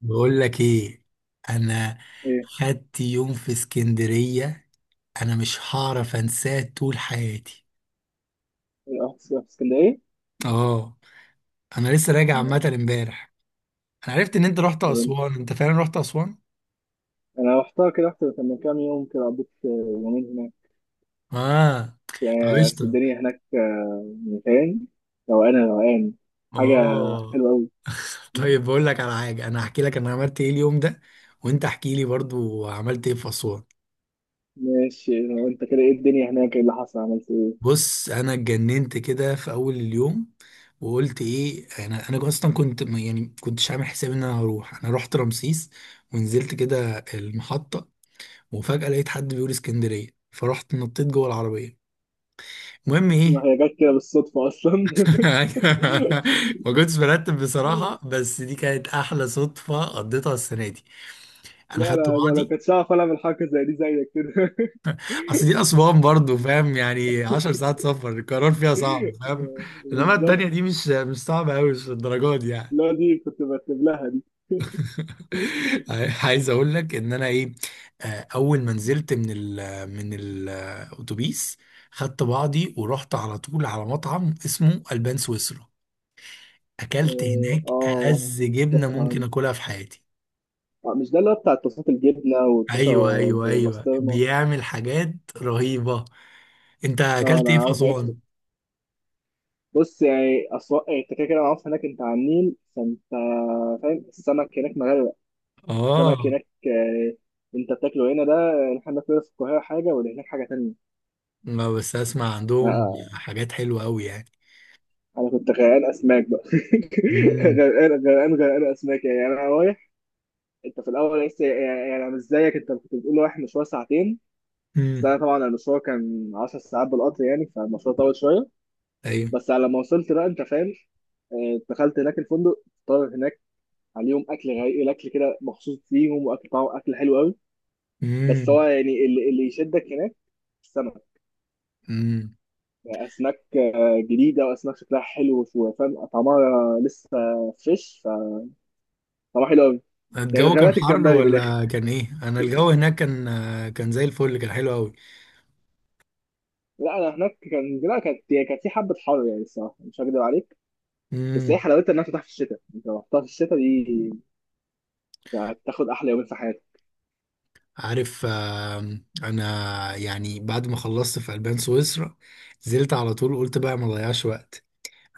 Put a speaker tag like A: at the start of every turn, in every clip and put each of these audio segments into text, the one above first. A: بقول لك ايه. انا
B: ايه.
A: خدت يوم في اسكندرية، انا مش هعرف انساه طول حياتي.
B: رحت في اسكندريه؟
A: اه، انا لسه راجع عامة
B: مم.
A: امبارح. انا عرفت ان انت رحت
B: تمام،
A: اسوان، انت فعلا رحت اسوان؟
B: انا رحتها كده، رحت من كام يوم كده، قضيت يومين هناك.
A: اه. طب
B: بس
A: قشطة.
B: الدنيا هناك مكان روقان روقان، حاجه
A: اه.
B: حلوه قوي.
A: طيب بقول لك على حاجة، انا هحكي لك انا عملت ايه اليوم ده، وانت احكي لي برضو عملت ايه في اسوان.
B: ماشي، لو انت كده ايه الدنيا هناك، ايه اللي حصل، عملت ايه؟
A: بص انا اتجننت كده في اول اليوم وقلت ايه، انا اصلا كنت كنتش عامل حساب ان انا هروح. انا رحت رمسيس ونزلت كده المحطه، وفجاه لقيت حد بيقول اسكندريه، فرحت نطيت جوه العربيه. المهم ايه.
B: ما هي جت كده بالصدفه اصلا.
A: ما كنتش برتب بصراحه، بس دي كانت احلى صدفه قضيتها السنه دي. انا
B: لا
A: خدت
B: لا لا لو
A: بعضي.
B: كنتش هعرف العب حاجه زي دي زيك كده.
A: اصل دي اسوان برضو فاهم يعني 10 ساعات سفر، القرار فيها صعب فاهم. انما
B: بالظبط.
A: التانيه دي مش صعبه قوي، مش للدرجه دي يعني.
B: لا دي كنت برتب لها دي.
A: عايز اقول لك ان انا ايه. اول ما نزلت من من الاتوبيس، خدت بعضي ورحت على طول على مطعم اسمه البان سويسرا. اكلت
B: اه
A: هناك
B: آه.
A: ألذ جبنه
B: بسمع.
A: ممكن اكلها في حياتي.
B: آه، مش ده اللي هو بتاع الطاسات، الجبنه والطاسه
A: ايوه ايوه ايوه،
B: ببسطرمه؟
A: بيعمل حاجات رهيبه. انت
B: اه
A: اكلت
B: انا
A: ايه في
B: عارف عرفته.
A: اسوان؟
B: بص يعني، اسواق انت كده كده معروف هناك، انت على النيل فانت فاهم، السمك هناك مغرق.
A: اه.
B: السمك هناك آه، انت بتاكله هنا ده، احنا بناكله في القاهره حاجه واللي هناك حاجه تانيه.
A: ما بس اسمع
B: آه
A: عندهم
B: آه،
A: حاجات حلوه قوي يعني.
B: انا كنت غرقان اسماك بقى.
A: امم.
B: غرقان اسماك يعني، انا رايح. انت في الاول لسه يعني، انا مش زيك، انت كنت بتقول رايح مشوار ساعتين، بس انا
A: امم.
B: طبعا المشوار كان 10 ساعات بالقطر يعني، فالمشوار طول شويه.
A: ايوه.
B: بس على ما وصلت بقى، انت فاهم، دخلت هناك الفندق، طلب هناك عليهم اكل غير الاكل كده، مخصوص ليهم، واكل طعمه اكل حلو قوي. بس هو يعني اللي يشدك هناك السمك.
A: امم.
B: يعني اسماك جديده، واسماك شكلها حلو، وفاهم طعمها لسه فريش، فطعمها حلو قوي. يعني
A: الجو كان
B: غابات
A: حر
B: الجمبري بالاخر.
A: ولا كان ايه؟ انا الجو هناك كان زي الفل، كان حلو قوي.
B: لا انا هناك كان، لا كانت يعني كانت في حبه حر يعني، الصراحه مش هكدب عليك. بس هي
A: امم.
B: حلاوتها انها تفتح في الشتاء، انت لو رحتها في الشتاء دي يعني، هتاخد احلى يومين في حياتك.
A: عارف. انا يعني بعد ما خلصت في البان سويسرا نزلت على طول، قلت بقى ما اضيعش وقت.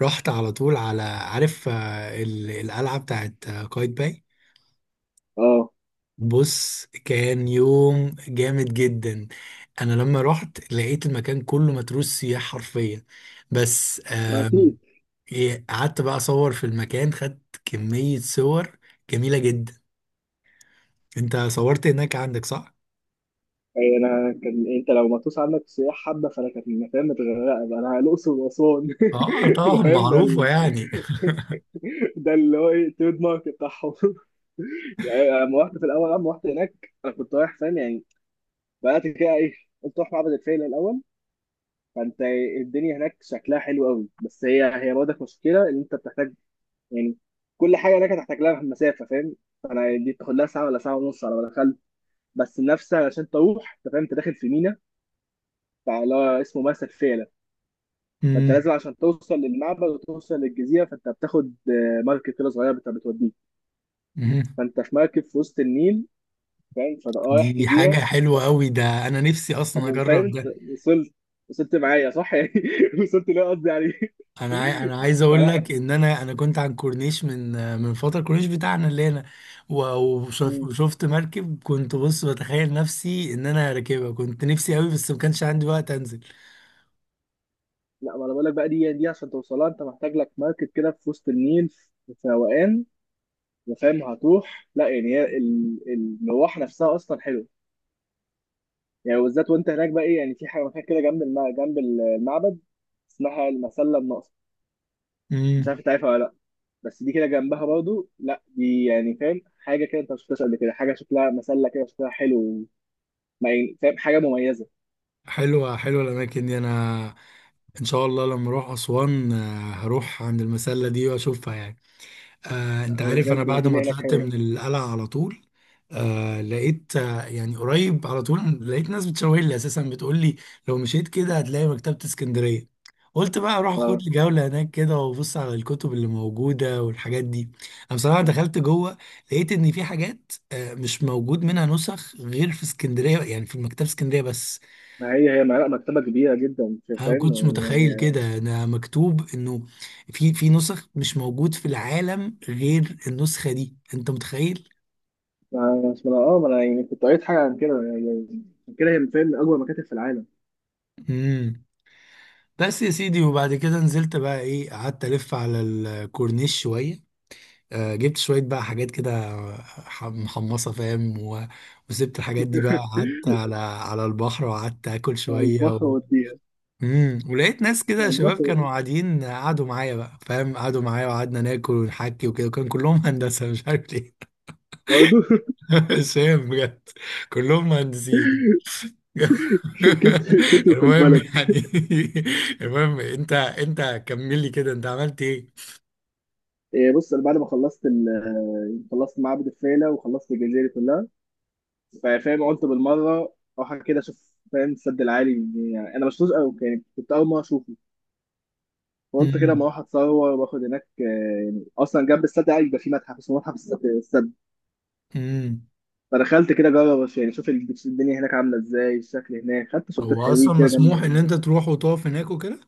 A: رحت على طول على عارف القلعه بتاعت قايتباي باي.
B: اه
A: بص كان يوم جامد جدا. انا لما رحت لقيت المكان كله متروس سياح حرفيا. بس
B: اكيد.
A: قعدت بقى اصور في المكان، خدت كمية صور جميلة جدا. انت صورت هناك عندك صح؟
B: أي انا كان، انت لو مطوس عندك السياح حبه، فانا كانت فاهم متغرقه بقى، انا الاقصر واسوان.
A: اه
B: ده
A: طبعا
B: فاهم ده
A: معروفة يعني.
B: ده اللي هو ايه، التريد مارك بتاعهم. يعني أنا لما رحت في الاول لما رحت هناك، انا كنت رايح فاهم يعني، بدات كده ايه، قلت اروح معبد الفيلة الاول. فانت الدنيا هناك شكلها حلو قوي، بس هي هي برضك مشكله ان انت بتحتاج يعني، كل حاجه هناك هتحتاج لها مسافه فاهم. انا دي بتاخد لها ساعه ولا ساعه ونص على ما دخلت، بس نفسها عشان تروح انت فاهم، انت داخل في مينا، فاللي هو اسمه مرسى الفيلة. فانت
A: مم،
B: لازم عشان توصل للمعبد وتوصل للجزيره، فانت بتاخد مركب كده صغيره بتوديك.
A: مم.
B: فانت في مركب في وسط النيل فاهم، فده رايح
A: دي حاجة
B: جزيره.
A: حلوة قوي، ده انا نفسي
B: طب
A: اصلا
B: فاهم
A: اجرب
B: انت،
A: ده.
B: وصلت وصلت معايا صح يعني، وصلت ليه قصدي يعني.
A: انا عايز اقول
B: فلا.
A: لك ان انا كنت عن كورنيش من فترة الكورنيش بتاعنا اللي هنا. و-
B: مم.
A: وشفت مركب، كنت بص بتخيل نفسي ان انا راكبها، كنت نفسي قوي بس ما كانش عندي وقت انزل.
B: لا ما انا بقول لك بقى، دي عشان توصلها انت محتاج لك مركب كده في وسط النيل، في روقان، وفاهم هتروح، لا يعني هي المروح نفسها اصلا حلوه يعني، بالذات وانت هناك بقى ايه يعني، في حاجه مكان كده جنب جنب المعبد اسمها المسله الناقصه. مش عارف
A: امم.
B: انت عارفها ولا لا، بس دي كده جنبها برضو، لا دي يعني فاهم حاجه كده انت ما شفتهاش قبل كده، حاجه شكلها مسله كده شكلها حلو، يعني فاهم حاجه مميزه.
A: حلوة حلوة الأماكن دي. أنا ان شاء الله لما اروح اسوان، هروح عند المسله دي واشوفها يعني. آه انت عارف، انا
B: بجد
A: بعد ما
B: الدنيا هناك
A: طلعت
B: حلوه.
A: من القلعه على طول آه لقيت آه يعني قريب على طول لقيت ناس بتشاور لي اساسا، بتقول لي لو مشيت كده هتلاقي مكتبه اسكندريه. قلت بقى اروح
B: اه
A: اخد لي جوله هناك كده وابص على الكتب اللي موجوده والحاجات دي. انا بصراحه دخلت جوه، لقيت ان في حاجات آه مش موجود منها نسخ غير في اسكندريه، يعني في مكتبه اسكندريه بس.
B: ما هي هي لا مكتبه كبيره جدا
A: انا ما
B: فاهم
A: كنتش
B: يعني،
A: متخيل
B: هي-
A: كده، ده مكتوب انه في نسخ مش موجود في العالم غير النسخة دي، انت متخيل.
B: ما ما اه ما انا يعني كنت قريت حاجه عن كده يعني، عشان كده هي من فاهم من اكبر مكاتب في العالم.
A: امم. بس يا سيدي وبعد كده نزلت بقى ايه، قعدت الف على الكورنيش شوية. آه جبت شوية بقى حاجات كده، محمصة فاهم، و... وسبت الحاجات دي بقى، قعدت على البحر وقعدت اكل
B: على
A: شوية.
B: البحر
A: و...
B: وديها.
A: امم، ولقيت ناس كده
B: على
A: شباب
B: البحر
A: كانوا قاعدين، قعدوا معايا بقى فاهم، قعدوا معايا وقعدنا ناكل ونحكي وكده، وكان كلهم هندسة مش عارف ليه.
B: برضه.
A: سام بجد، كلهم مهندسين.
B: كتر كتر في
A: المهم
B: البلد.
A: يعني. المهم انت كمل لي كده، انت عملت ايه.
B: إيه بص انا بعد ما خلصت خلصت معبد الفيلة وخلصت الجزيرة دي كلها فاهم، قلت بالمره اروح كده اشوف فاهم السد العالي، يعني انا مش قوي يعني كنت اول مره اشوفه، فقلت كده اما
A: امم.
B: اروح اتصور واخد هناك آه. يعني اصلا جنب السد العالي بيبقى في متحف اسمه متحف السد السد.
A: امم.
B: فدخلت كده اجرب يعني اشوف الدنيا هناك عامله ازاي، الشكل هناك، خدت صورتين
A: هو اصلا
B: حلوين كده جنب.
A: مسموح ان انت تروح وتقف هناك وكده؟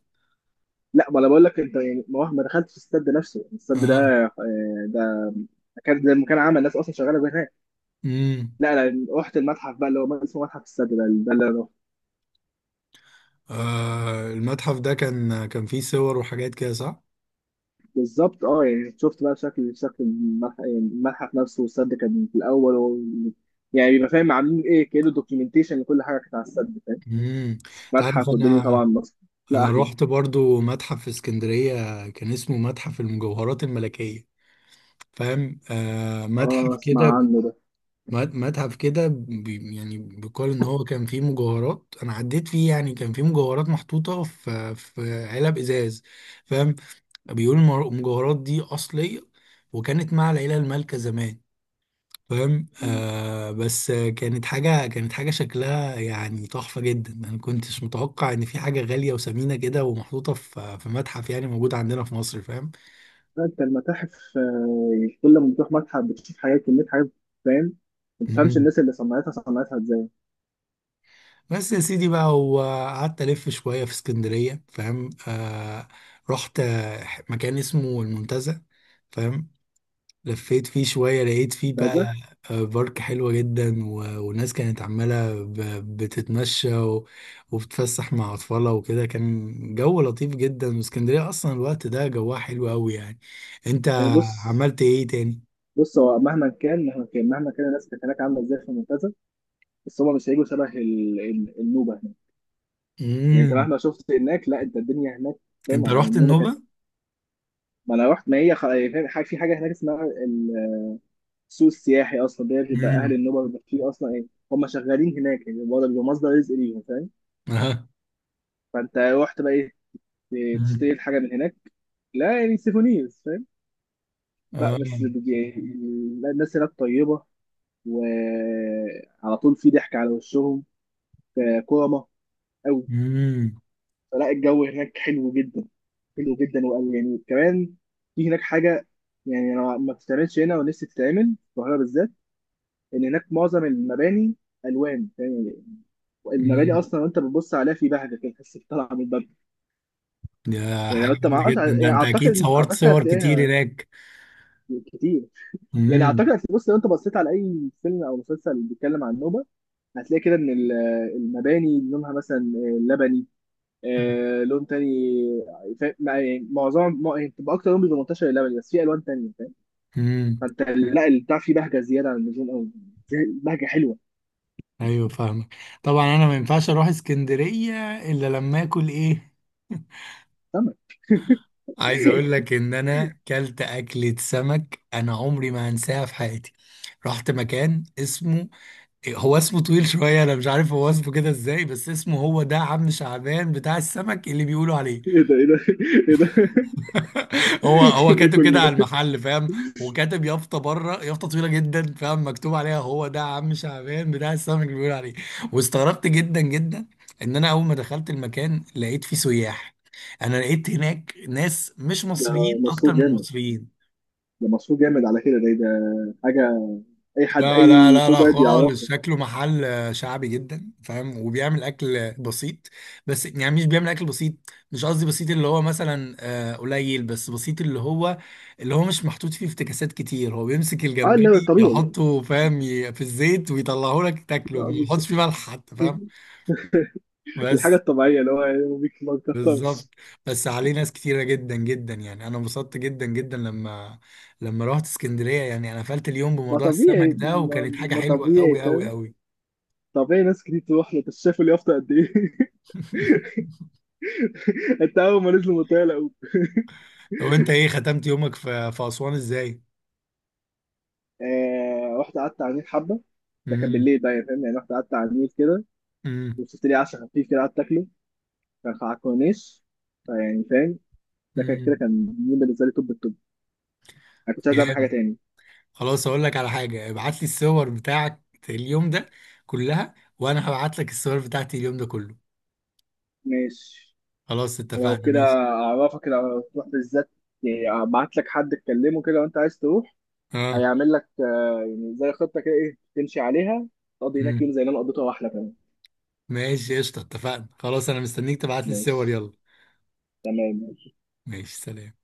B: لا ما انا بقول لك انت يعني ما دخلتش السد نفسه، السد ده
A: اه.
B: ده كان زي ما كان عمل ناس اصلا شغاله هناك.
A: امم.
B: لا انا رحت المتحف بقى اللي هو اسمه متحف السد ده، ده اللي انا.
A: آه المتحف ده كان كان فيه صور وحاجات كده صح؟
B: بالظبط، اه يعني شفت بقى شكل شكل يعني الملحق نفسه، والسد كان في الاول. يعني بيبقى فاهم عاملين ايه كده، دوكيومنتيشن لكل حاجه كانت على السد فاهم،
A: امم. انت عارف،
B: متحف
A: انا
B: والدنيا طبعا مصر. لا
A: انا
B: احلى.
A: رحت برضو متحف في اسكندرية كان اسمه متحف المجوهرات الملكية فاهم، آه
B: اه
A: متحف
B: اسمع
A: كده،
B: عنه ده.
A: متحف كده يعني بيقال ان هو كان فيه مجوهرات. انا عديت فيه يعني كان فيه مجوهرات محطوطه في علب ازاز فاهم. بيقولوا المجوهرات دي اصليه، وكانت مع العيله المالكه زمان فاهم.
B: مم.
A: آه بس كانت حاجه، كانت حاجه شكلها يعني تحفه جدا. انا كنتش متوقع ان في حاجه غاليه وثمينه كده ومحطوطه في متحف يعني موجود عندنا في مصر
B: انت المتاحف يعني كل ما بتروح متحف بتشوف حاجات، كميه حاجات فاهم، ما تفهمش
A: فاهم.
B: الناس اللي صنعتها صنعتها ازاي.
A: بس يا سيدي بقى، وقعدت ألف شوية في اسكندرية فاهم آه. رحت مكان اسمه المنتزه فاهم. لفيت فيه شوية، لقيت فيه بقى
B: ممتازه.
A: بارك حلوة جدا، والناس كانت عمالة بتتمشى و- وبتفسح مع أطفالها وكده. كان جو لطيف جدا، واسكندرية أصلا الوقت ده جوها حلو أوي يعني. أنت
B: يعني بص،
A: عملت إيه تاني؟
B: بص هو مهما كان الناس كانت هناك عامله ازاي في ممتازه، بس هما مش هيجوا شبه النوبه يعني. انت
A: مم.
B: مهما شفت هناك، لا انت الدنيا هناك فاهم،
A: أنت
B: يعني
A: رحت
B: النوبه كانت.
A: النوبة؟
B: ما انا رحت، ما هي خ... فاهم حاجه، في حاجه هناك اسمها السوق السياحي، اصلا ده بيبقى اهل
A: مم.
B: النوبه بيبقى فيه اصلا ايه، هم شغالين هناك يعني، برضه بيبقى مصدر رزق ليهم فاهم.
A: أها.
B: فانت رحت بقى ايه،
A: مم.
B: تشتري الحاجه من هناك، لا يعني سيفونيرز فاهم. لا
A: آه.
B: بس لا، الناس هناك طيبه، وعلى طول في ضحك على وشهم، كرمه قوي.
A: مم.
B: فلا الجو هناك حلو جدا، حلو جدا، وقال يعني كمان في هناك حاجه يعني انا ما بتتعملش هنا، ونفسي تتعمل في القاهره بالذات، ان هناك معظم المباني الوان يعني، المباني
A: مم.
B: اصلا وانت بتبص عليها في بهجه كده، تحس بطلعه من الباب.
A: ده
B: يعني
A: حاجة
B: لو انت
A: جامدة
B: معرفش
A: جدا، ده
B: يعني،
A: انت اكيد
B: اعتقد
A: صورت
B: اعتقد
A: صور كتير
B: هتلاقيها
A: هناك.
B: كتير، يعني اعتقد
A: امم.
B: هتلاقي- بص لو انت بصيت على اي فيلم او مسلسل بيتكلم عن النوبه، هتلاقي كده ان المباني لونها مثلا لبني، آه لون تاني فاهم، يعني معظم يعني بتبقى اكتر لون بيبقى منتشر اللبني، بس في الوان تانية فاهم.
A: امم.
B: فانت لا البتاع فيه بهجه زياده عن اللزوم قوي، بهجه حلوه.
A: ايوه فاهمك. طبعا انا ما ينفعش اروح اسكندرية الا لما اكل ايه.
B: سمك.
A: عايز اقول لك ان انا كلت اكلة سمك انا عمري ما هنساها في حياتي. رحت مكان اسمه، هو اسمه طويل شوية انا مش عارف هو اسمه كده ازاي، بس اسمه هو ده عم شعبان بتاع السمك اللي بيقولوا عليه.
B: ايه ده، ايه ده، ايه ده.
A: هو هو
B: ايه
A: كاتب كده
B: كل
A: على
B: ده.
A: المحل فاهم، وكاتب يافطه بره يافطه طويله جدا فاهم مكتوب عليها هو ده عم شعبان بتاع السمك اللي بيقول عليه. واستغربت جدا جدا، ان انا اول ما دخلت المكان لقيت فيه سياح. انا لقيت هناك ناس مش
B: ده
A: مصريين اكتر
B: مشروع
A: من
B: جامد،
A: مصريين.
B: ده مشروع جامد على كده، ده ده حاجه اي حد
A: لا لا
B: اي
A: لا
B: تو
A: لا
B: جايد
A: خالص،
B: يعرفه.
A: شكله محل شعبي جدا فاهم، وبيعمل اكل بسيط. بس يعني مش بيعمل اكل بسيط، مش قصدي بسيط اللي هو مثلا قليل، بس بسيط اللي هو اللي هو مش محطوط فيه افتكاسات كتير. هو بيمسك
B: اه لا
A: الجمبري
B: الطبيعي.
A: يحطه فاهم في الزيت ويطلعه لك تاكله،
B: آه،
A: ما يحطش فيه
B: بالظبط.
A: ملح حتى فاهم.
B: الحاجه
A: بس.
B: الطبيعيه اللي هو يعني ما
A: بالظبط.
B: بيكترش.
A: بس عليه ناس كتيرة جدا جدا، يعني انا انبسطت جدا جدا لما رحت اسكندرية. يعني انا قفلت اليوم
B: ما
A: بموضوع السمك
B: طبيعي،
A: ده وكانت
B: ما
A: حاجة
B: ما
A: حلوة
B: طبيعي
A: قوي قوي
B: فاهم،
A: قوي.
B: طبيعي ناس كتير تروح له، بس شايف اليافطه قد ايه. انت اول ما نزلوا من الطياره قوم.
A: طب انت ايه ختمت يومك في اسوان ازاي؟
B: آه، رحت قعدت على النيل حبه، ده كان
A: امم.
B: بالليل بقى يعني فاهم، يعني رحت قعدت على النيل كده،
A: امم.
B: وشفت لي عشا خفيف كده قعدت اكله، كان على الكورنيش، فيعني فاهم ده كان كده
A: امم.
B: كان يوم بالنسبه لي توب التوب. انا كنت عايز اعمل حاجه
A: جامد.
B: تاني.
A: خلاص اقول لك على حاجه، ابعت لي الصور بتاعك اليوم ده كلها، وانا هبعت لك الصور بتاعتي اليوم ده كله.
B: ماشي.
A: خلاص
B: لو
A: اتفقنا
B: كده
A: ماشي.
B: اعرفك، لو تروح بالذات يعني، ابعت لك حد تكلمه كده وانت عايز تروح،
A: اه.
B: هيعمل لك يعني زي خطه كده ايه تمشي عليها، تقضي هناك
A: امم.
B: يوم زي اللي انا قضيته واحلى كمان.
A: ماشي قشطه اتفقنا خلاص، انا مستنيك تبعت لي الصور
B: ماشي.
A: يلا.
B: تمام.
A: ماشي سلام.